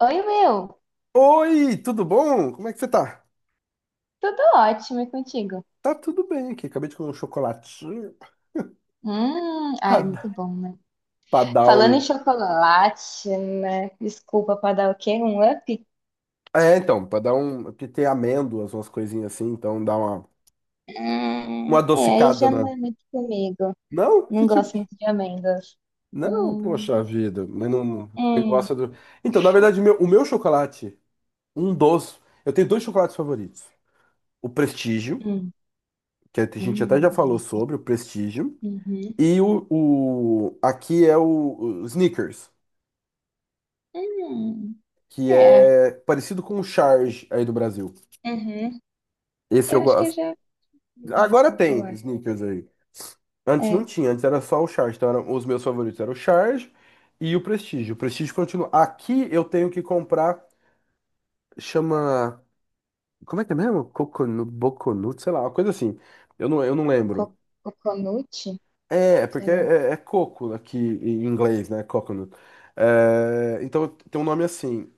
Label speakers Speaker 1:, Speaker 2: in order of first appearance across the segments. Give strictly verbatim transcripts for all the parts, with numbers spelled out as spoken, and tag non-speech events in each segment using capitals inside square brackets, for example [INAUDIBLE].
Speaker 1: Oi, Will.
Speaker 2: Oi, tudo bom? Como é que você tá?
Speaker 1: Tudo ótimo e contigo?
Speaker 2: Tá tudo bem aqui. Acabei de comer um chocolatinho
Speaker 1: Hum,
Speaker 2: pra,
Speaker 1: ai, é muito
Speaker 2: dar
Speaker 1: bom, né?
Speaker 2: pra dar
Speaker 1: Falando em
Speaker 2: um.
Speaker 1: chocolate, né? Desculpa pra dar o quê? Um up?
Speaker 2: É, então, pra dar um. Porque tem amêndoas, umas coisinhas assim, então dá uma,
Speaker 1: Hum,
Speaker 2: uma
Speaker 1: é, aí
Speaker 2: adocicada
Speaker 1: já
Speaker 2: na.
Speaker 1: não é muito comigo.
Speaker 2: Não?
Speaker 1: Não
Speaker 2: Que tipo
Speaker 1: gosto
Speaker 2: de.
Speaker 1: muito de amêndoas.
Speaker 2: Não,
Speaker 1: Hum,
Speaker 2: poxa vida, mas não.
Speaker 1: hum,
Speaker 2: não- Você
Speaker 1: hum,
Speaker 2: gosta do. Então, na verdade, meu- o meu chocolate, um dos. Eu tenho dois chocolates favoritos: o Prestígio,
Speaker 1: hum,
Speaker 2: que a gente até
Speaker 1: hum,
Speaker 2: já falou
Speaker 1: delícia.
Speaker 2: sobre, o Prestígio,
Speaker 1: Uhum,
Speaker 2: e o, o... aqui é o o Snickers.
Speaker 1: hum,
Speaker 2: Que
Speaker 1: é,
Speaker 2: é parecido com o Charge aí do Brasil.
Speaker 1: uhum.
Speaker 2: Esse eu
Speaker 1: Eu acho que eu
Speaker 2: gosto.
Speaker 1: já fiz
Speaker 2: Agora
Speaker 1: micro, sei
Speaker 2: tem
Speaker 1: lá.
Speaker 2: sneakers aí. Antes não
Speaker 1: É,
Speaker 2: tinha, antes era só o Charge. Então eram, os meus favoritos eram o Charge e o Prestige. O Prestige continua. Aqui eu tenho que comprar, chama. Como é que é mesmo? Coconut, Boconut, sei lá, uma coisa assim. Eu não, eu não lembro.
Speaker 1: co coconut,
Speaker 2: É, é
Speaker 1: sei
Speaker 2: porque
Speaker 1: lá.
Speaker 2: é, é é coco aqui em inglês, né? Coconut. É, então tem um nome assim.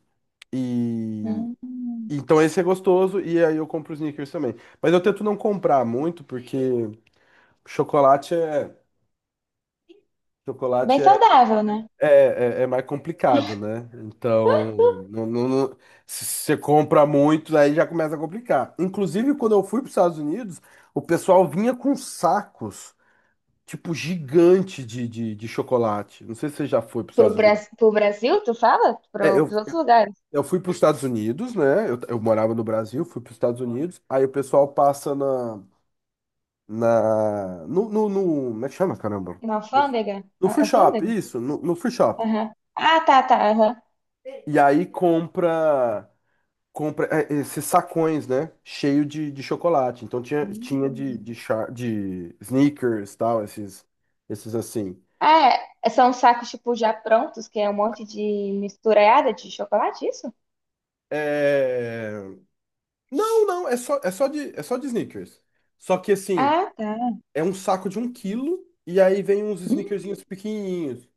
Speaker 2: E
Speaker 1: Hum,
Speaker 2: então esse é gostoso e aí eu compro os Snickers também. Mas eu tento não comprar muito porque chocolate é chocolate
Speaker 1: Bem
Speaker 2: é,
Speaker 1: saudável, né?
Speaker 2: é, é, é mais complicado, né? Então não, não- não- se você compra muito aí já começa a complicar. Inclusive quando eu fui para os Estados Unidos, o pessoal vinha com sacos tipo gigante de, de, de chocolate. Não sei se você já foi para os
Speaker 1: Pro,
Speaker 2: Estados Unidos.
Speaker 1: Bras- pro Brasil, tu fala?
Speaker 2: É,
Speaker 1: Pro,
Speaker 2: eu,
Speaker 1: pros outros lugares.
Speaker 2: eu fui para os Estados Unidos, né? Eu, eu morava no Brasil, fui para os Estados Unidos. Aí o pessoal passa na na, no, no, no- como é que chama, caramba?
Speaker 1: Na
Speaker 2: No,
Speaker 1: alfândega?
Speaker 2: no
Speaker 1: A-
Speaker 2: free shop,
Speaker 1: Alfândega?
Speaker 2: isso, no, no free shop.
Speaker 1: Aham. Ah, tá, tá, aham.
Speaker 2: E aí compra, compra é, esses sacões, né? Cheio de, de chocolate. Então tinha, tinha de,
Speaker 1: Hum.
Speaker 2: de, char- de sneakers, tal, esses, esses assim.
Speaker 1: Ah, é, são sacos, tipo, já prontos, que é um monte de misturada de chocolate, isso?
Speaker 2: É... Não, não, é só, é só de, é só de sneakers. Só que assim,
Speaker 1: Ah, tá.
Speaker 2: é um saco de um quilo e aí vem uns
Speaker 1: Hum.
Speaker 2: sneakerzinhos pequenininhos.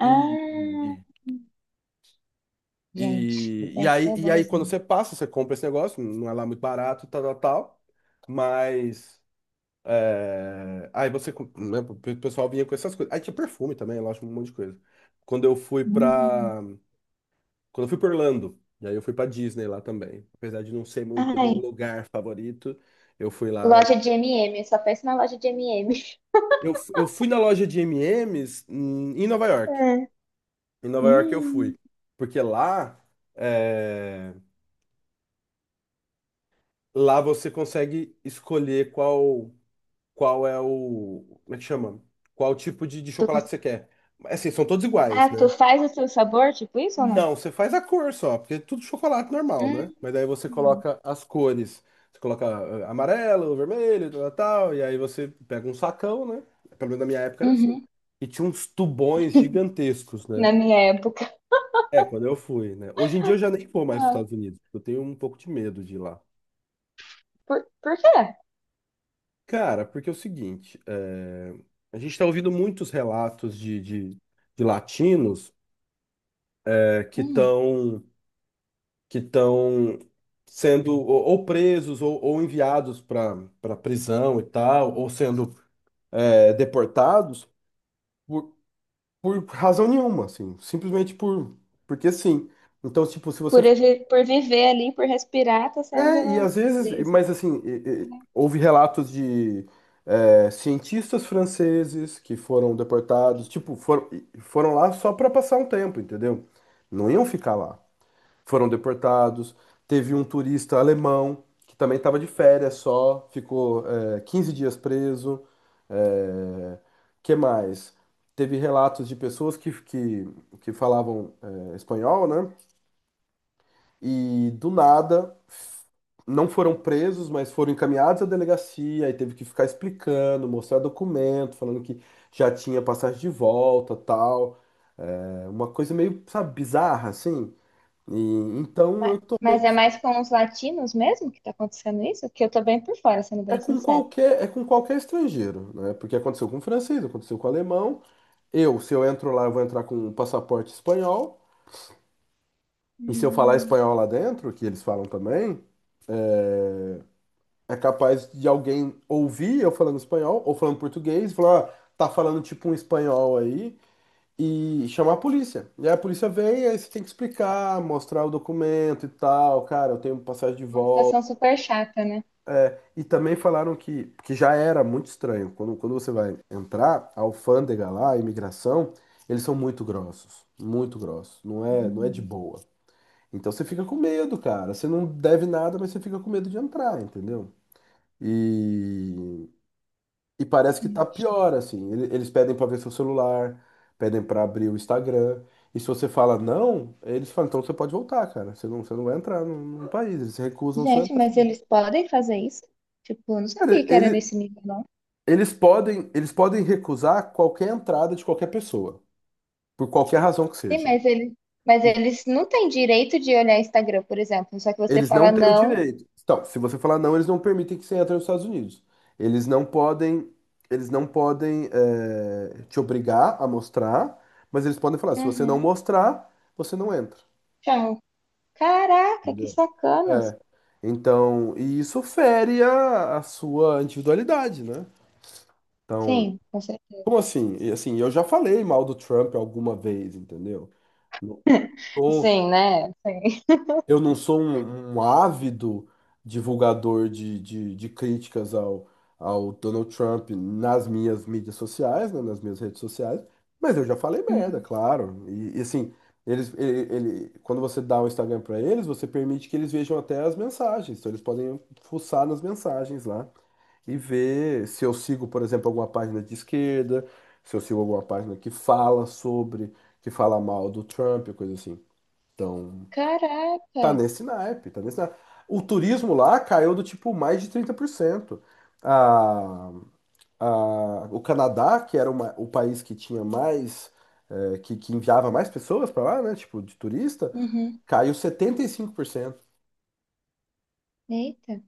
Speaker 2: E,
Speaker 1: Ah, gente,
Speaker 2: E, e,
Speaker 1: deve
Speaker 2: aí,
Speaker 1: ser
Speaker 2: e aí, quando
Speaker 1: bonzinho.
Speaker 2: você passa, você compra esse negócio, não é lá muito barato, tal, tal, tal. Mas. é, aí você. Com- né, o pe- pessoal vinha com essas coisas. Aí tinha perfume também, eu acho um monte de coisa. Quando eu fui
Speaker 1: Hum.
Speaker 2: pra. Quando eu fui pra Orlando, e aí eu fui pra Disney lá também. Apesar de não ser muito
Speaker 1: Ai,
Speaker 2: meu lugar favorito, eu fui lá.
Speaker 1: loja
Speaker 2: e-
Speaker 1: de M e M, eu só penso na loja de M e M.
Speaker 2: Eu, f- eu fui na loja de M e M's em em Nova York.
Speaker 1: É.
Speaker 2: Em Nova York eu
Speaker 1: Hum.
Speaker 2: fui. Porque lá. eh, Lá você consegue escolher qual qual é o, como é que chama? Qual tipo de, de
Speaker 1: Tu cons-
Speaker 2: chocolate você quer. Assim, são todos iguais,
Speaker 1: Ah,
Speaker 2: né?
Speaker 1: tu faz o seu sabor, tipo isso ou não?
Speaker 2: Não, você faz a cor só, porque é tudo chocolate normal, né?
Speaker 1: Hum.
Speaker 2: Mas daí você coloca as cores. Você coloca eh, amarelo, vermelho, tal, tal, e aí você pega um sacão, né? Pelo menos na minha época era assim.
Speaker 1: Uhum.
Speaker 2: E tinha uns tubões gigantescos, né?
Speaker 1: Na minha época.
Speaker 2: É, quando eu fui, né? Hoje em dia eu já nem vou mais para os
Speaker 1: Ah,
Speaker 2: Estados Unidos, porque eu tenho um pouco de medo de ir lá.
Speaker 1: por, por quê?
Speaker 2: Cara, porque é o seguinte, é, A gente está ouvindo muitos relatos de, de, de latinos é, que
Speaker 1: Hum.
Speaker 2: estão que estão sendo ou, ou presos ou, ou enviados para para prisão e tal, ou sendo é, deportados por, por razão nenhuma, assim, simplesmente por porque sim. Então, tipo, se você.
Speaker 1: Por, evi- por viver ali, por respirar, tá
Speaker 2: É, e
Speaker 1: sendo
Speaker 2: às vezes,
Speaker 1: preso.
Speaker 2: mas assim, e- e- houve relatos de é, cientistas franceses que foram deportados, tipo, foram, foram lá só para passar um tempo, entendeu? Não iam ficar lá. Foram deportados. Teve um turista alemão que também estava de férias só, ficou é, quinze dias preso. É, que mais? Teve relatos de pessoas que, que, que falavam é, espanhol, né? E do nada, não foram presos, mas foram encaminhados à delegacia e teve que ficar explicando, mostrar documento, falando que já tinha passagem de volta, tal. É uma coisa meio, sabe, bizarra assim. E então
Speaker 1: Mas,
Speaker 2: eu tô meio.
Speaker 1: mas é mais com os latinos mesmo que tá acontecendo isso? Que eu tô bem por fora, sendo
Speaker 2: é
Speaker 1: bem
Speaker 2: com
Speaker 1: sincero.
Speaker 2: qualquer é com qualquer estrangeiro, né? Porque aconteceu com o francês, aconteceu com o alemão. Eu, se eu entro lá, eu vou entrar com um passaporte espanhol. E se eu falar
Speaker 1: Hum.
Speaker 2: espanhol lá dentro, que eles falam também, é capaz de alguém ouvir eu falando espanhol ou falando português, e falar: "Ah, tá falando tipo um espanhol aí", e chamar a polícia. E aí a polícia vem, aí você tem que explicar, mostrar o documento e tal, cara, eu tenho passagem de
Speaker 1: Uma
Speaker 2: volta.
Speaker 1: situação super chata, né?
Speaker 2: E também falaram que, que já era muito estranho, quando, quando você vai entrar, a alfândega lá, a imigração, eles são muito grossos, muito grossos, não é, não é de
Speaker 1: Hum.
Speaker 2: boa. Então você fica com medo, cara, você não deve nada, mas você fica com medo de entrar, entendeu? E E parece que tá pior, assim. Ele- Eles pedem pra ver seu celular, pedem pra abrir o Instagram. E se você fala não, eles falam, então você pode voltar, cara. Você não, você não vai entrar no, no país. Eles recusam sua
Speaker 1: Gente, mas
Speaker 2: entrada.
Speaker 1: eles podem fazer isso? Tipo, eu não sabia
Speaker 2: Cara,
Speaker 1: que era
Speaker 2: ele-
Speaker 1: nesse nível, não.
Speaker 2: eles podem, eles podem recusar qualquer entrada de qualquer pessoa, por qualquer razão que
Speaker 1: Sim,
Speaker 2: seja.
Speaker 1: mas eles, mas eles não têm direito de olhar Instagram, por exemplo. Só que você
Speaker 2: Eles não
Speaker 1: fala
Speaker 2: têm o
Speaker 1: não.
Speaker 2: direito. Então, se você falar não, eles não permitem que você entre nos Estados Unidos. Eles não podem, eles não podem eh, te obrigar a mostrar, mas eles podem falar, se você não
Speaker 1: Uhum.
Speaker 2: mostrar, você não entra.
Speaker 1: Chama. Caraca, que
Speaker 2: Entendeu?
Speaker 1: sacana.
Speaker 2: É. Então, e isso fere a, a sua individualidade, né? Então,
Speaker 1: Sim, com certeza.
Speaker 2: como assim? E, assim, eu já falei mal do Trump alguma vez, entendeu? Não,
Speaker 1: Sim, né? Sim.
Speaker 2: eu não sou um, um ávido divulgador de, de, de críticas ao, ao Donald Trump nas minhas mídias sociais, né, nas minhas redes sociais, mas eu já falei merda,
Speaker 1: Uhum.
Speaker 2: claro. E, e, assim, eles, ele, ele- quando você dá o Instagram para eles, você permite que eles vejam até as mensagens, então eles podem fuçar nas mensagens lá e ver se eu sigo, por exemplo, alguma página de esquerda, se eu sigo alguma página que fala sobre, que fala mal do Trump, coisa assim. Então.
Speaker 1: Caraca!
Speaker 2: Tá nesse naipe, tá nesse naipe. O turismo lá caiu do tipo mais de trinta por cento. A, a, o Canadá, que era uma- o país que tinha mais, eh, que, que enviava mais pessoas para lá, né, tipo, de turista,
Speaker 1: Uhum.
Speaker 2: caiu setenta e cinco por cento.
Speaker 1: Eita.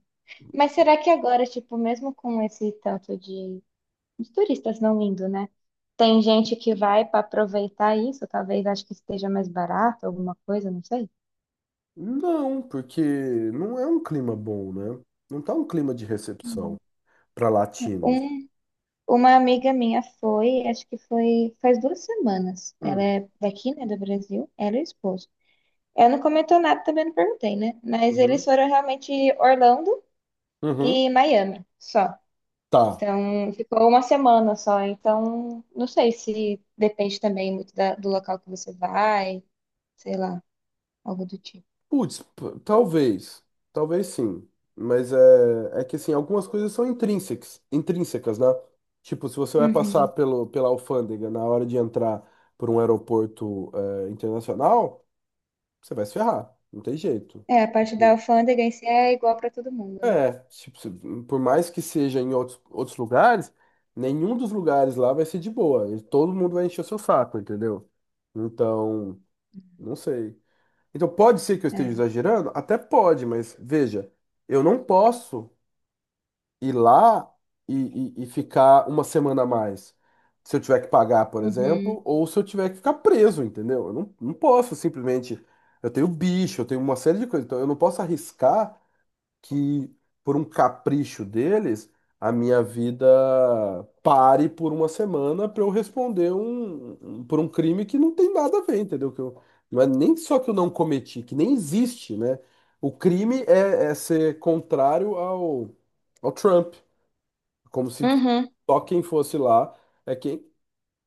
Speaker 1: Mas será que agora, tipo, mesmo com esse tanto de, de turistas não indo, né? Tem gente que vai para aproveitar isso, talvez acho que esteja mais barato, alguma coisa, não sei.
Speaker 2: Não, porque não é um clima bom, né? Não tá um clima de recepção
Speaker 1: Hum.
Speaker 2: para latinos.
Speaker 1: Um, uma amiga minha foi, acho que foi faz duas semanas. Ela
Speaker 2: Hum,
Speaker 1: é daqui, né, do Brasil. Ela e o esposo. Ela não comentou nada, também não perguntei, né? Mas eles
Speaker 2: uhum,
Speaker 1: foram realmente Orlando
Speaker 2: uhum,
Speaker 1: e Miami, só.
Speaker 2: tá.
Speaker 1: Então, ficou uma semana só. Então, não sei se depende também muito da- do local que você vai, sei lá, algo do tipo.
Speaker 2: Putz, p- talvez. Talvez sim. Mas é, é que assim, algumas coisas são intrínsecas, intrínsecas, né? Tipo, se você vai passar
Speaker 1: Uhum.
Speaker 2: pelo, pela alfândega na hora de entrar por um aeroporto é, internacional, você vai se ferrar. Não tem jeito.
Speaker 1: É, a parte da
Speaker 2: Tipo,
Speaker 1: alfândega em si é igual para todo mundo, né?
Speaker 2: É, tipo, se- por mais que seja em outros, outros lugares, nenhum dos lugares lá vai ser de boa. E todo mundo vai encher o seu saco, entendeu? Então, não sei. Então, pode ser que eu esteja
Speaker 1: É.
Speaker 2: exagerando? Até pode, mas veja, eu não posso ir lá e, e- e ficar uma semana a mais. Se eu tiver que pagar, por exemplo,
Speaker 1: Uhum.
Speaker 2: ou se eu tiver que ficar preso, entendeu? Eu não, não posso simplesmente. Eu tenho bicho, eu tenho uma série de coisas, então eu não posso arriscar que, por um capricho deles, a minha vida pare por uma semana para eu responder um, um- por um crime que não tem nada a ver, entendeu? Que eu, não é nem só que eu não cometi, que nem existe, né? O crime é, é ser contrário ao, ao, Trump, como se
Speaker 1: Uhum.
Speaker 2: só quem fosse lá é quem,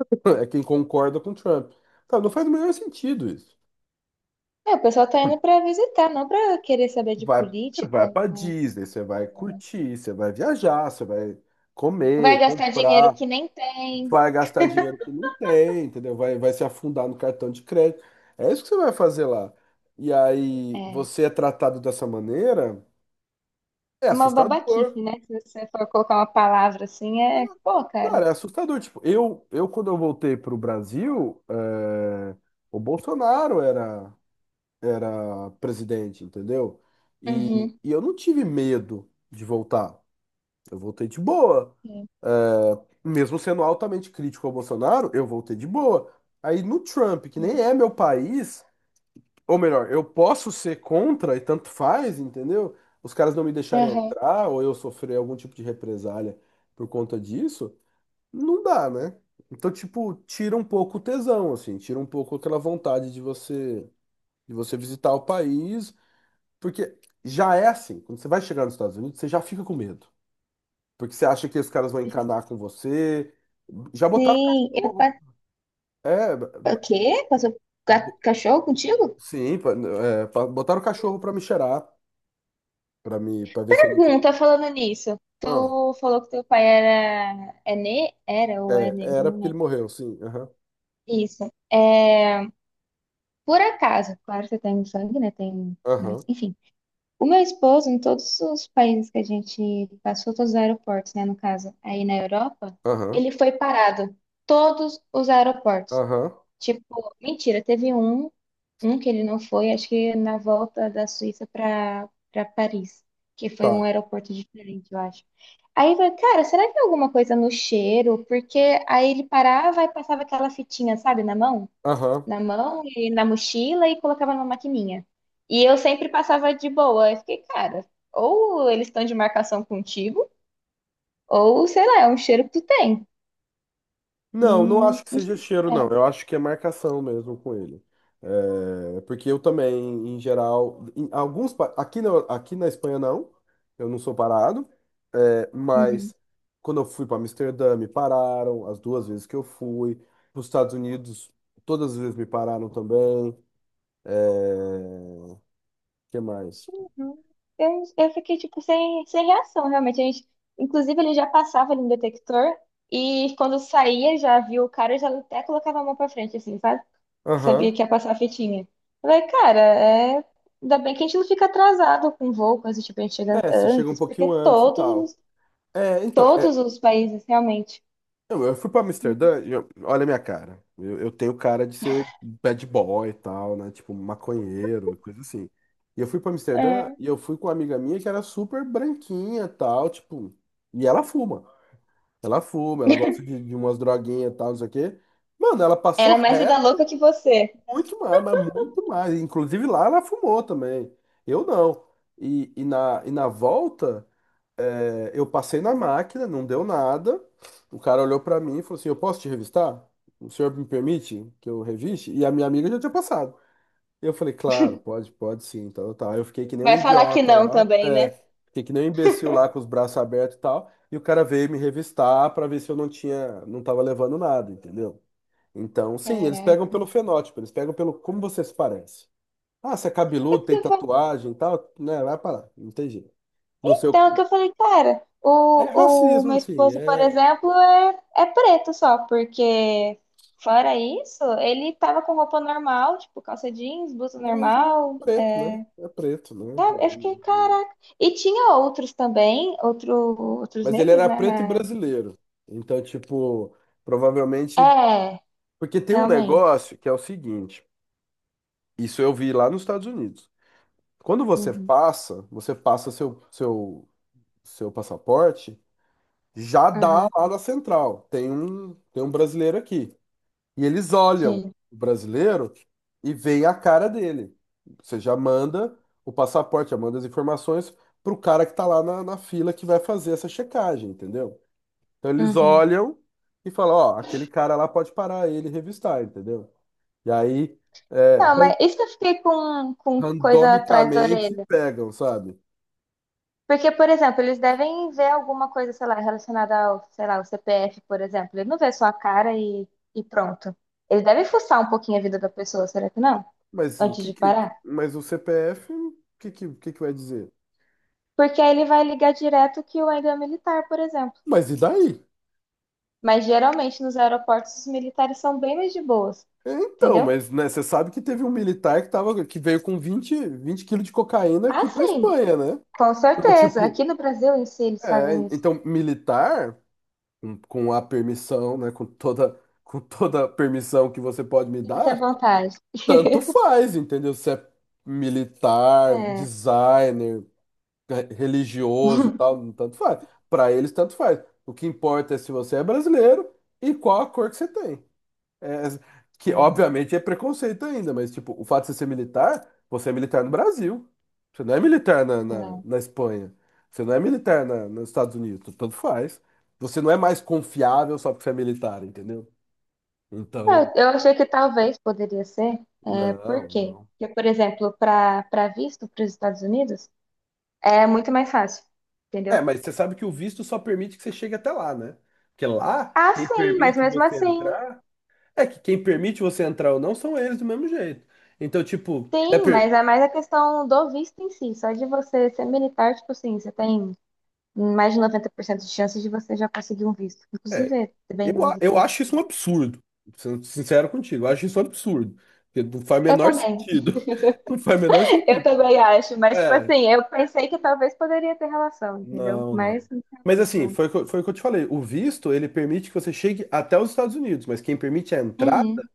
Speaker 2: [LAUGHS] é quem concorda com o Trump. Tá, não faz o menor sentido isso.
Speaker 1: É, o pessoal tá indo para visitar, não para querer saber de
Speaker 2: Vai,
Speaker 1: política,
Speaker 2: vai para
Speaker 1: não.
Speaker 2: Disney, você vai curtir, você vai viajar, você vai
Speaker 1: Vai
Speaker 2: comer,
Speaker 1: gastar dinheiro
Speaker 2: comprar,
Speaker 1: que nem tem.
Speaker 2: vai gastar dinheiro que não tem, entendeu? Vai, vai se afundar no cartão de crédito. É isso que você vai fazer lá. E aí
Speaker 1: É.
Speaker 2: você é tratado dessa maneira, é
Speaker 1: É uma
Speaker 2: assustador.
Speaker 1: babaquice, né? Se você for colocar uma palavra assim, é. Pô, cara.
Speaker 2: Cara, é assustador. Tipo, eu, eu quando eu voltei pro Brasil, é, o Bolsonaro era, era presidente, entendeu? E,
Speaker 1: Uhum.
Speaker 2: e eu não tive medo de voltar. Eu voltei de boa.
Speaker 1: É.
Speaker 2: É, mesmo sendo altamente crítico ao Bolsonaro, eu voltei de boa. Aí no Trump, que nem
Speaker 1: Uhum.
Speaker 2: é meu país, ou melhor, eu posso ser contra e tanto faz, entendeu? Os caras não me deixarem
Speaker 1: Aham.
Speaker 2: entrar, ou eu sofrer algum tipo de represália por conta disso, não dá, né? Então, tipo, tira um pouco o tesão, assim, tira um pouco aquela vontade de você, de você visitar o país, porque já é assim, quando você vai chegar nos Estados Unidos, você já fica com medo. Porque você acha que os caras vão encanar com você. Já botaram
Speaker 1: Sim, eu
Speaker 2: cachorro.
Speaker 1: passei.
Speaker 2: É, b-
Speaker 1: O quê? Passou ga- cachorro contigo?
Speaker 2: sim, pa- é, pa- botaram cachorro pra me cheirar, pra me, para ver se eu não tinha.
Speaker 1: Pergunta falando nisso.
Speaker 2: Ah,
Speaker 1: Tu falou que teu pai era é ne... era ou é
Speaker 2: é,
Speaker 1: negro,
Speaker 2: era
Speaker 1: não
Speaker 2: porque ele
Speaker 1: lembro.
Speaker 2: morreu, sim. Aham,
Speaker 1: Isso. É. Por acaso, claro que tem sangue, né? Tem, né?
Speaker 2: aham,
Speaker 1: Enfim. O meu esposo, em todos os países que a gente passou, todos os aeroportos, né? No caso, aí na Europa,
Speaker 2: aham,
Speaker 1: ele foi parado. Todos os aeroportos.
Speaker 2: aham.
Speaker 1: Tipo, mentira, teve um, um que ele não foi, acho que na volta da Suíça para para Paris, que foi um
Speaker 2: Tá.
Speaker 1: aeroporto diferente, eu acho. Aí eu falei, cara, será que é alguma coisa no cheiro? Porque aí ele parava e passava aquela fitinha, sabe, na mão,
Speaker 2: Aham.
Speaker 1: na mão e na mochila e colocava numa maquininha. E eu sempre passava de boa. Eu fiquei, cara, ou eles estão de marcação contigo, ou sei lá, é um cheiro que tu tem.
Speaker 2: Não, não
Speaker 1: Hum,
Speaker 2: acho que
Speaker 1: não
Speaker 2: seja
Speaker 1: sei.
Speaker 2: cheiro, não.
Speaker 1: É.
Speaker 2: Eu acho que é marcação mesmo com ele. É, porque eu também, em geral, em alguns, pa- aqui na, aqui na Espanha não, eu não sou parado, é,
Speaker 1: Uhum.
Speaker 2: mas quando eu fui para Amsterdã me pararam, as duas vezes que eu fui, para os Estados Unidos todas as vezes me pararam também. O que mais?
Speaker 1: Hum, Eu, eu fiquei, tipo, sem, sem reação, realmente. A gente, inclusive, ele já passava ali no detector e quando saía, já viu o cara, já até colocava a mão pra frente, assim, sabe? Que sabia
Speaker 2: Aham.
Speaker 1: que ia passar a fitinha. Eu falei, cara, é... ainda bem que a gente não fica atrasado com voo, coisa tipo, a gente chega
Speaker 2: É, você chega um
Speaker 1: antes,
Speaker 2: pouquinho
Speaker 1: porque
Speaker 2: antes e tal.
Speaker 1: todos,
Speaker 2: É, então, é,
Speaker 1: todos os países, realmente.
Speaker 2: Eu, eu fui pra Amsterdã, e eu- olha a minha cara. Eu, eu tenho cara de ser bad boy e tal, né? Tipo, maconheiro, coisa assim. E eu fui pra Amsterdã
Speaker 1: É.
Speaker 2: e eu fui com uma amiga minha que era super branquinha e tal, tipo. E ela fuma. Ela fuma, ela gosta de, de umas droguinhas e tal, não sei o quê. Mano, ela passou
Speaker 1: Ela é mais vida
Speaker 2: reto
Speaker 1: louca que você.
Speaker 2: muito mais, mas muito mais. Inclusive lá ela fumou também. Eu não. E, e, na, e na volta. É, eu passei na máquina, não deu nada. O cara olhou pra mim e falou assim: eu posso te revistar? O senhor me permite que eu reviste? E a minha amiga já tinha passado. Eu falei: claro, pode, pode sim. Então tá. Eu fiquei que nem um
Speaker 1: Vai falar que
Speaker 2: idiota
Speaker 1: não
Speaker 2: lá,
Speaker 1: também,
Speaker 2: é,
Speaker 1: né?
Speaker 2: fiquei que nem um imbecil lá com os braços abertos e tal. E o cara veio me revistar pra ver se eu não tinha, não tava levando nada, entendeu? Então, sim, eles pegam
Speaker 1: Caraca.
Speaker 2: pelo fenótipo, eles pegam pelo como você se parece. Ah, você é
Speaker 1: É
Speaker 2: cabeludo,
Speaker 1: porque
Speaker 2: tem tatuagem e tal, né? Vai parar, não tem jeito. No seu,
Speaker 1: Então, é o que eu falei, cara,
Speaker 2: é
Speaker 1: o, o meu
Speaker 2: racismo, sim,
Speaker 1: esposo, por
Speaker 2: é,
Speaker 1: exemplo, é, é preto só, porque fora isso, ele tava com roupa normal, tipo calça jeans, blusa
Speaker 2: mas é
Speaker 1: normal,
Speaker 2: preto, né? É preto, né?
Speaker 1: sabe? Eu fiquei,
Speaker 2: E- e-
Speaker 1: caraca. E tinha outros também, outro, outros
Speaker 2: Mas ele
Speaker 1: negros,
Speaker 2: era
Speaker 1: né?
Speaker 2: preto e
Speaker 1: na-
Speaker 2: brasileiro. Então, tipo, provavelmente.
Speaker 1: É,
Speaker 2: Porque tem um
Speaker 1: realmente.
Speaker 2: negócio que é o seguinte: isso eu vi lá nos Estados Unidos. Quando você
Speaker 1: Uhum,
Speaker 2: passa, você passa seu, seu, seu passaporte, já dá
Speaker 1: aham,
Speaker 2: lá na central. Tem um, tem um brasileiro aqui. E eles olham
Speaker 1: sim.
Speaker 2: o brasileiro e veem a cara dele. Você já manda o passaporte, já manda as informações para o cara que está lá na, na fila que vai fazer essa checagem, entendeu? Então eles
Speaker 1: Uhum.
Speaker 2: olham e falam, ó, aquele cara lá pode parar ele e revistar, entendeu? E aí, é,
Speaker 1: Não,
Speaker 2: ran-
Speaker 1: mas isso que eu fiquei com, com coisa atrás da
Speaker 2: randomicamente
Speaker 1: orelha.
Speaker 2: pegam, sabe?
Speaker 1: Porque, por exemplo, eles devem ver alguma coisa, sei lá, relacionada ao, sei lá, ao C P F, por exemplo. Ele não vê só a cara e, e pronto. Eles devem fuçar um pouquinho a vida da pessoa, será que não?
Speaker 2: Mas o
Speaker 1: Antes
Speaker 2: que,
Speaker 1: de
Speaker 2: que-
Speaker 1: parar.
Speaker 2: mas o C P F, o que, que, o que que vai dizer?
Speaker 1: Porque aí ele vai ligar direto que o ainda é militar, por exemplo.
Speaker 2: Mas e daí?
Speaker 1: Mas geralmente nos aeroportos os militares são bem mais de boas,
Speaker 2: É, então,
Speaker 1: entendeu?
Speaker 2: mas né, você sabe que teve um militar que, tava, que veio com vinte vinte quilos de cocaína
Speaker 1: Ah,
Speaker 2: aqui para
Speaker 1: sim,
Speaker 2: Espanha, né?
Speaker 1: com
Speaker 2: Então,
Speaker 1: certeza.
Speaker 2: tipo,
Speaker 1: Aqui no Brasil em si eles
Speaker 2: é,
Speaker 1: fazem isso.
Speaker 2: então, militar, com, com a permissão, né? Com toda, com toda a permissão que você pode me
Speaker 1: Fique à
Speaker 2: dar,
Speaker 1: vontade. [LAUGHS]
Speaker 2: tanto faz, entendeu? Se é militar,
Speaker 1: É.
Speaker 2: designer, re- religioso, tal, tanto faz. Para eles, tanto faz. O que importa é se você é brasileiro e qual a cor que você tem. É, que
Speaker 1: [LAUGHS]
Speaker 2: obviamente é preconceito ainda, mas tipo, o fato de você ser militar, você é militar no Brasil. Você não é militar na, na,
Speaker 1: É.
Speaker 2: na Espanha. Você não é militar na, nos Estados Unidos. Tanto faz. Você não é mais confiável só porque você é militar, entendeu? Então,
Speaker 1: É, eu achei que talvez poderia ser, é, por
Speaker 2: não,
Speaker 1: quê?
Speaker 2: não.
Speaker 1: Porque, por exemplo, para para visto para os Estados Unidos, é muito mais fácil, entendeu?
Speaker 2: É, mas você sabe que o visto só permite que você chegue até lá, né? Porque lá,
Speaker 1: Ah,
Speaker 2: quem
Speaker 1: sim, mas
Speaker 2: permite
Speaker 1: mesmo
Speaker 2: você
Speaker 1: assim,
Speaker 2: entrar. É que quem permite você entrar ou não são eles do mesmo jeito. Então, tipo, é,
Speaker 1: sim,
Speaker 2: per-
Speaker 1: mas é mais a questão do visto em si, só de você ser militar, tipo assim, você tem mais de noventa por cento de chances de você já conseguir um visto.
Speaker 2: é,
Speaker 1: Inclusive, é bem
Speaker 2: eu,
Speaker 1: mais
Speaker 2: a-
Speaker 1: do que
Speaker 2: eu
Speaker 1: isso.
Speaker 2: acho isso um absurdo, sendo sincero contigo, eu acho isso um absurdo, porque não faz o
Speaker 1: Eu
Speaker 2: menor
Speaker 1: também,
Speaker 2: sentido, [LAUGHS] não faz o menor
Speaker 1: [LAUGHS] eu
Speaker 2: sentido.
Speaker 1: também acho, mas, tipo
Speaker 2: É,
Speaker 1: assim, eu pensei que talvez poderia ter relação, entendeu?
Speaker 2: não, não.
Speaker 1: Mas, realmente
Speaker 2: Mas assim,
Speaker 1: não.
Speaker 2: foi, o que eu- foi o que eu te falei, o visto, ele permite que você chegue até os Estados Unidos, mas quem permite a entrar
Speaker 1: Uhum.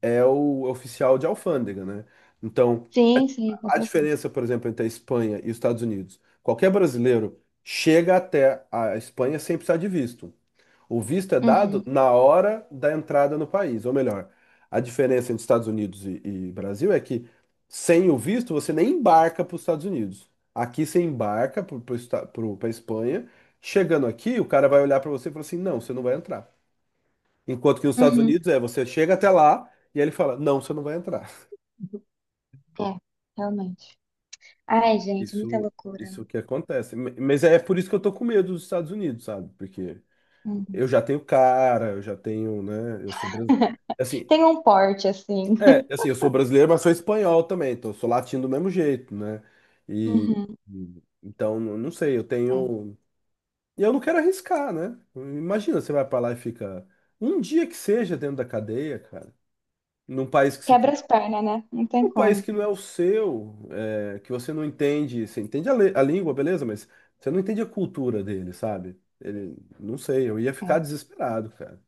Speaker 2: é o oficial de alfândega, né? Então,
Speaker 1: Sim, sim, com
Speaker 2: a
Speaker 1: certeza.
Speaker 2: diferença, por exemplo, entre a Espanha e os Estados Unidos, qualquer brasileiro chega até a Espanha sem precisar de visto. O visto é dado
Speaker 1: Uhum.
Speaker 2: na hora da entrada no país, ou melhor, a diferença entre Estados Unidos e, e Brasil é que sem o visto você nem embarca para os Estados Unidos. Aqui você embarca para a Espanha. Chegando aqui, o cara vai olhar para você e falar assim: não, você não vai entrar. Enquanto que nos Estados
Speaker 1: Uhum.
Speaker 2: Unidos é você chega até lá e aí ele fala: não, você não vai entrar.
Speaker 1: É, realmente. Ai, gente, é muita
Speaker 2: Isso,
Speaker 1: loucura, né?
Speaker 2: isso que acontece. M- Mas é por isso que eu tô com medo dos Estados Unidos, sabe? Porque
Speaker 1: Uhum.
Speaker 2: eu já tenho cara, eu já tenho, né? Eu sou brasileiro. Assim,
Speaker 1: Tem um porte assim.
Speaker 2: é,
Speaker 1: [LAUGHS]
Speaker 2: assim, eu sou brasileiro, mas sou espanhol também, então eu sou latino do mesmo jeito, né? E
Speaker 1: Uhum.
Speaker 2: e- então, n- não sei, eu
Speaker 1: É,
Speaker 2: tenho. E eu não quero arriscar, né? Imagina, você vai pra lá e fica um dia que seja dentro da cadeia, cara, num país que você... que-
Speaker 1: quebra as pernas, né? Não
Speaker 2: um
Speaker 1: tem
Speaker 2: país
Speaker 1: como.
Speaker 2: que não é o seu, é, que você não entende, você entende a, le- a língua, beleza, mas você não entende a cultura dele, sabe? Ele, não sei, eu ia ficar
Speaker 1: É,
Speaker 2: desesperado, cara.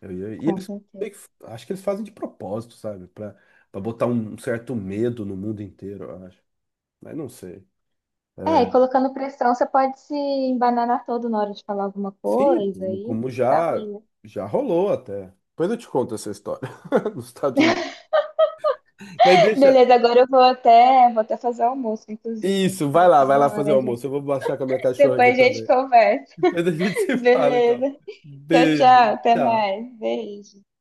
Speaker 2: Eu ia- E
Speaker 1: com
Speaker 2: eles,
Speaker 1: certeza.
Speaker 2: meio que- acho que eles fazem de propósito, sabe? Pra, pra botar um um certo medo no mundo inteiro, eu acho. Mas não sei.
Speaker 1: É, e
Speaker 2: É,
Speaker 1: colocando pressão, você pode se embananar todo na hora de falar alguma
Speaker 2: sim,
Speaker 1: coisa
Speaker 2: como,
Speaker 1: e
Speaker 2: como
Speaker 1: dá
Speaker 2: já,
Speaker 1: ruim, né?
Speaker 2: já rolou até. Depois eu te conto essa história [LAUGHS] nos Estados Unidos. Mas
Speaker 1: [LAUGHS]
Speaker 2: deixa.
Speaker 1: Beleza, agora eu vou até, vou até fazer almoço, inclusive.
Speaker 2: Isso, vai
Speaker 1: Já
Speaker 2: lá,
Speaker 1: tá
Speaker 2: vai
Speaker 1: na
Speaker 2: lá fazer o
Speaker 1: hora, já.
Speaker 2: almoço. Eu vou baixar com a minha cachorra aqui
Speaker 1: Depois a gente
Speaker 2: também.
Speaker 1: conversa.
Speaker 2: Depois a gente [LAUGHS]
Speaker 1: [LAUGHS]
Speaker 2: se fala, então.
Speaker 1: Beleza. Tchau,
Speaker 2: Beijo.
Speaker 1: tchau. Até
Speaker 2: Tchau.
Speaker 1: mais. Beijo.